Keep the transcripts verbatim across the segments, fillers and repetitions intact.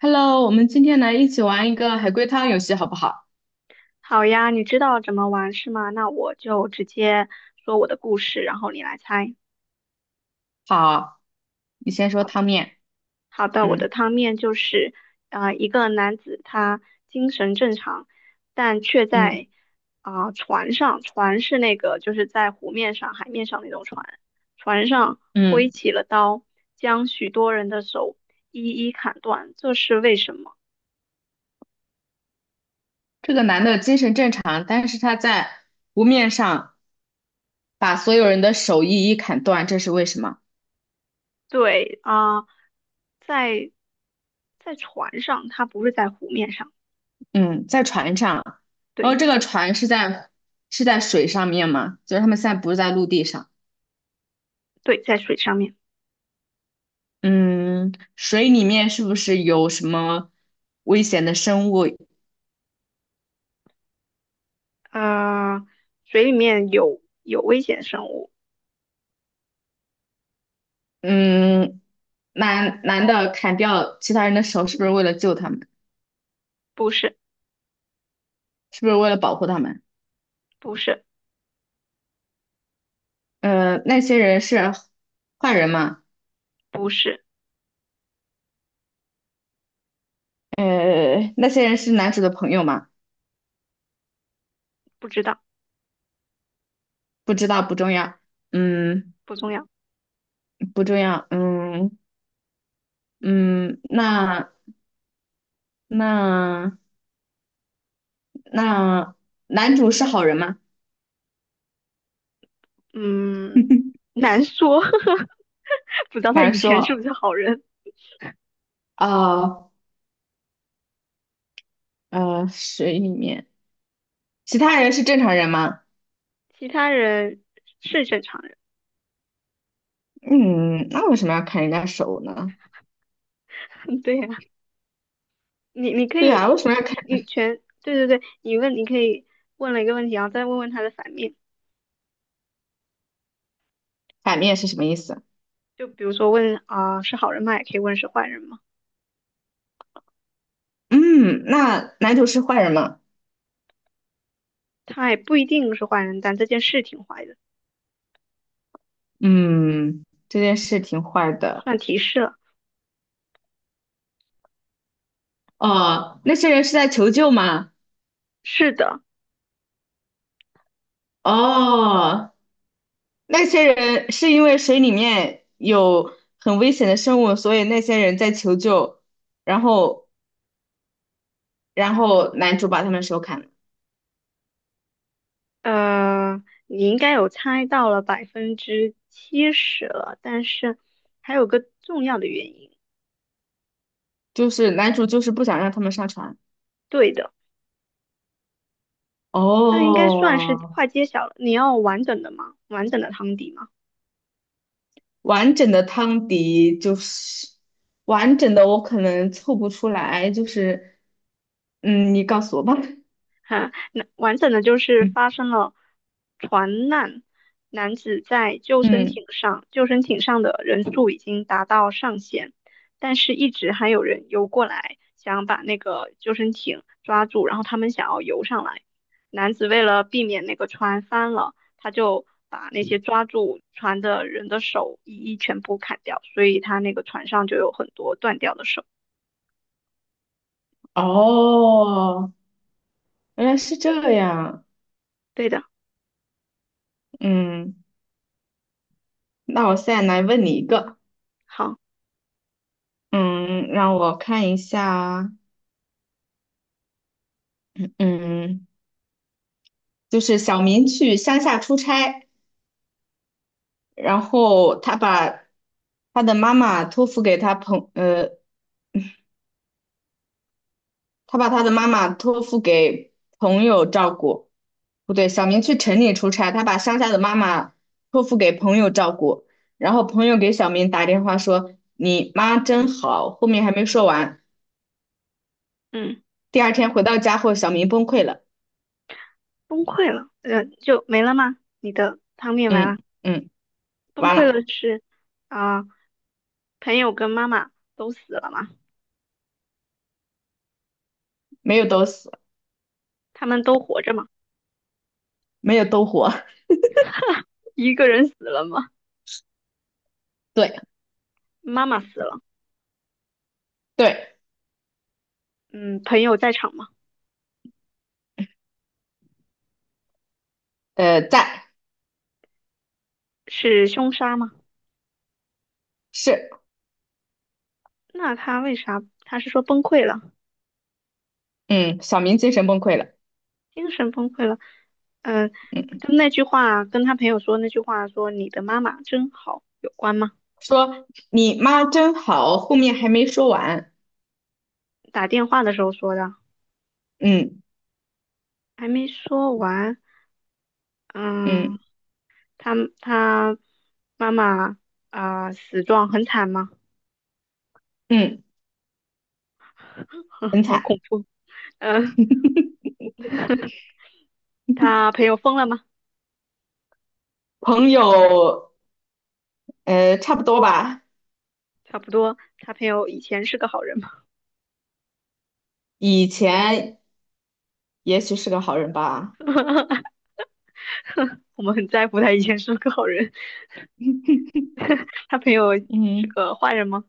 Hello，我们今天来一起玩一个海龟汤游戏，好不好？好呀，你知道怎么玩是吗？那我就直接说我的故事，然后你来猜。好，你先说好汤的，面。好的，我的嗯汤面就是，呃，一个男子他精神正常，但却嗯在啊、船上，船是那个就是在湖面上、海面上那种船，船上挥嗯，起了刀，将许多人的手一一砍断，这是为什么？这个男的精神正常，但是他在湖面上把所有人的手一一砍断，这是为什么？对啊、在在船上，他不是在湖面上，嗯，在船上，然后对。这个船是在是在水上面嘛，就是他们现在不是在陆地上。对，在水上面，嗯，水里面是不是有什么危险的生物？呃，水里面有有危险生物，嗯，男男的砍掉其他人的手，是不是为了救他们？不是，是不是为了保护他们？不是，呃，那些人是坏人吗？不是，呃，那些人是男主的朋友吗？不知道，不知道，不重要。嗯，不重要，不重要。嗯，嗯，那那那男主是好人吗？嗯，难说，不知道他难以前是不说。是好人，哦，呃，水里面其他人是正常人吗？其他人是正常嗯，那为什么要砍人家手呢？人，对呀、你你可对呀，以，为什么要砍？你你全，对对对，你问你可以问了一个问题，然后再问问他的反面，反面是什么意思？就比如说问啊、是好人吗？也可以问是坏人吗？嗯，那男主是坏人吗？他也不一定是坏人，但这件事挺坏的，嗯，这件事挺坏的。算提示了，哦，那些人是在求救吗？是的。哦，那些人是因为水里面有很危险的生物，所以那些人在求救，然后然后男主把他们手砍了，呃，你应该有猜到了百分之七十了，但是还有个重要的原因。就是男主就是不想让他们上船。对的，这应该算是哦，快揭晓了。你要完整的吗？完整的汤底吗？完整的汤迪就是完整的，我可能凑不出来，就是嗯，你告诉我吧。哈，那完整的就是嗯，发生了船难，男子在救生嗯，艇上，救生艇上的人数已经达到上限，但是一直还有人游过来，想把那个救生艇抓住，然后他们想要游上来。男子为了避免那个船翻了，他就把那些抓住船的人的手一一全部砍掉，所以他那个船上就有很多断掉的手。哦，原来是这样，对的，嗯。那我现在来问你一个，好，嗯，让我看一下，嗯，就是小明去乡下出差，然后他把他的妈妈托付给他朋，呃，他把他的妈妈托付给朋友照顾，不对，小明去城里出差，他把乡下的妈妈托付给朋友照顾，然后朋友给小明打电话说你妈真嗯好，后面还没说完，嗯。第二天回到家后，小明崩溃了，崩溃了，呃，就没了吗？你的汤面完嗯，了，嗯，崩完溃了了。是啊、朋友跟妈妈都死了吗？没有都死，他们都活着吗？没有都活。一个人死了吗？对妈妈死了，对，嗯，朋友在场吗？呃，在是凶杀吗？是，那他为啥？他是说崩溃了，嗯，小明精神崩溃了，精神崩溃了，嗯、嗯，跟那句话，跟他朋友说那句话说你的妈妈真好有关吗？说你妈真好，后面还没说完，打电话的时候说的，嗯还没说完，嗯嗯。他他妈妈啊、死状很惨吗？嗯，很好惨。恐怖。嗯、他朋友疯了吗？朋友，呃，差不多吧，差不多，他朋友以前是个好人吗？以前也许是个好人吧，我们很在乎他以前是个好人。他朋友是嗯，个坏人吗？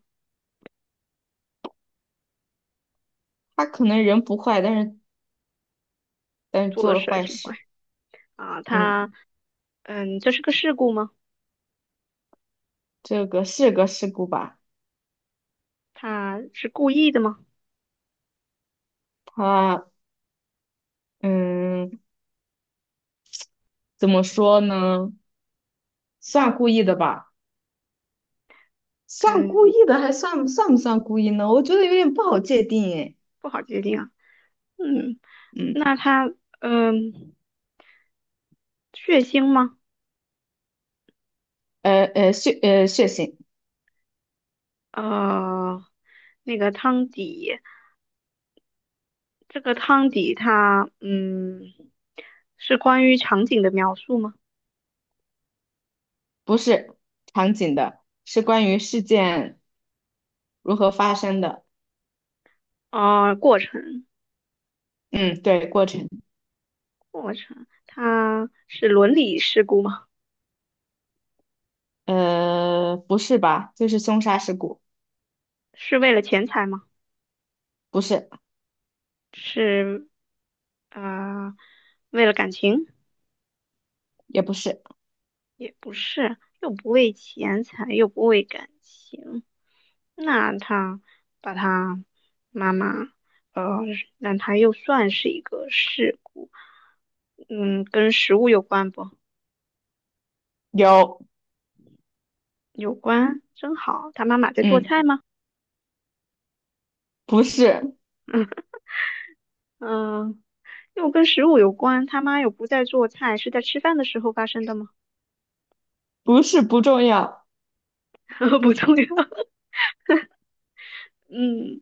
他可能人不坏，但是但是做做的了事儿坏挺坏事，啊、嗯，他嗯，这是个事故吗？这个是个事故吧，他是故意的吗？他嗯，怎么说呢，算故意的吧。算故嗯，意的，还算算不算故意呢？我觉得有点不好界定诶。不好界定啊。嗯，嗯，那他嗯，血腥吗？呃呃血呃血型呃，那个汤底。这个汤底它，嗯，是关于场景的描述吗？不是场景的，是关于事件如何发生的。啊、过程，嗯，对，过程。过程，它是伦理事故吗？呃，不是吧？就是凶杀事故，是为了钱财吗？不是，是呃，为了感情？也不是。也不是，又不为钱财，又不为感情。那他把他妈妈，呃，那他又算是一个事故，嗯，跟食物有关不？有，有关，真好。他妈妈在做嗯，菜吗？不是，嗯嗯，又跟食物有关，他妈又不在做菜，是在吃饭的时候发生的吗？不是不重要。不重要。嗯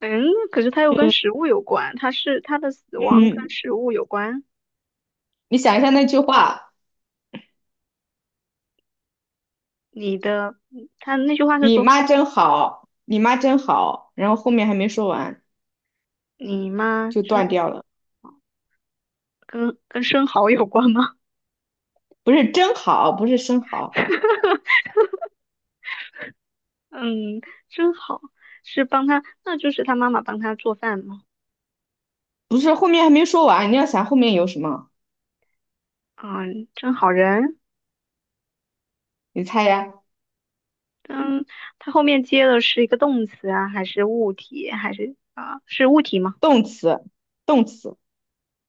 嗯，可是他又跟嗯食物有关，他是他的死亡跟嗯，食物有关。你想一下那句话，你的，他那句话是你说妈真好，你妈真好，然后后面还没说完你妈就断生掉了。跟跟生蚝有关吗？不是真好，不是生蚝。嗯，真好，是帮他，那就是他妈妈帮他做饭吗？不是，后面还没说完，你要想后面有什么？嗯，真好人。你猜呀，嗯，它后面接的是一个动词啊，还是物体，还是啊、是物体吗？动词，动词，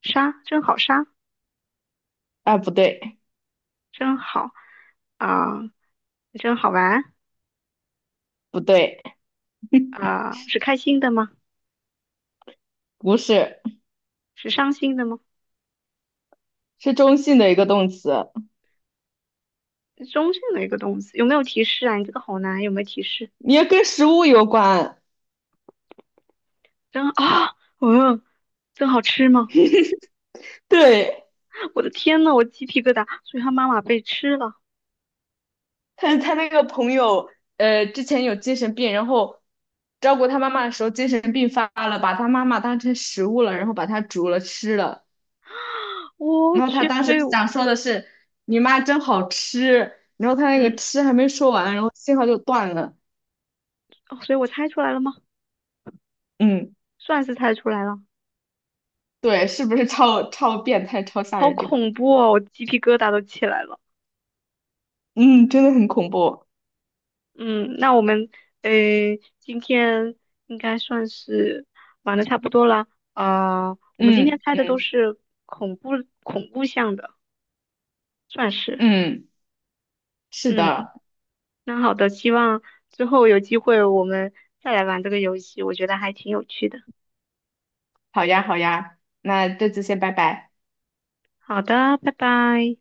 杀，真好杀，啊，不对，真好啊、真好玩不对，啊、是开心的吗？不是，是伤心的吗？是中性的一个动词，中性的一个动词，有没有提示啊？你这个好难，有没有提示？你要跟食物有关。真啊，嗯，真好吃吗？对，我的天呐，我鸡皮疙瘩，所以他妈妈被吃了，他他那个朋友，呃，之前有精神病，然后照顾他妈妈的时候精神病发了，把他妈妈当成食物了，然后把他煮了吃了。我然后他去，当所时以我想说的是，你妈真好吃，然后他那个嗯，吃还没说完，然后信号就断了。哦所以我猜出来了吗？嗯。算是猜出来了，对，是不是超超变态、超吓好人？这个，恐怖哦，我鸡皮疙瘩都起来了。嗯，真的很恐怖。嗯，那我们呃，今天应该算是玩的差不多了。呃，我们今天嗯，猜的都嗯是恐怖恐怖向的，算是。嗯，是嗯，的。那好的，希望之后有机会我们再来玩这个游戏，我觉得还挺有趣的。好呀，好呀，那这次先拜拜。好的，拜拜。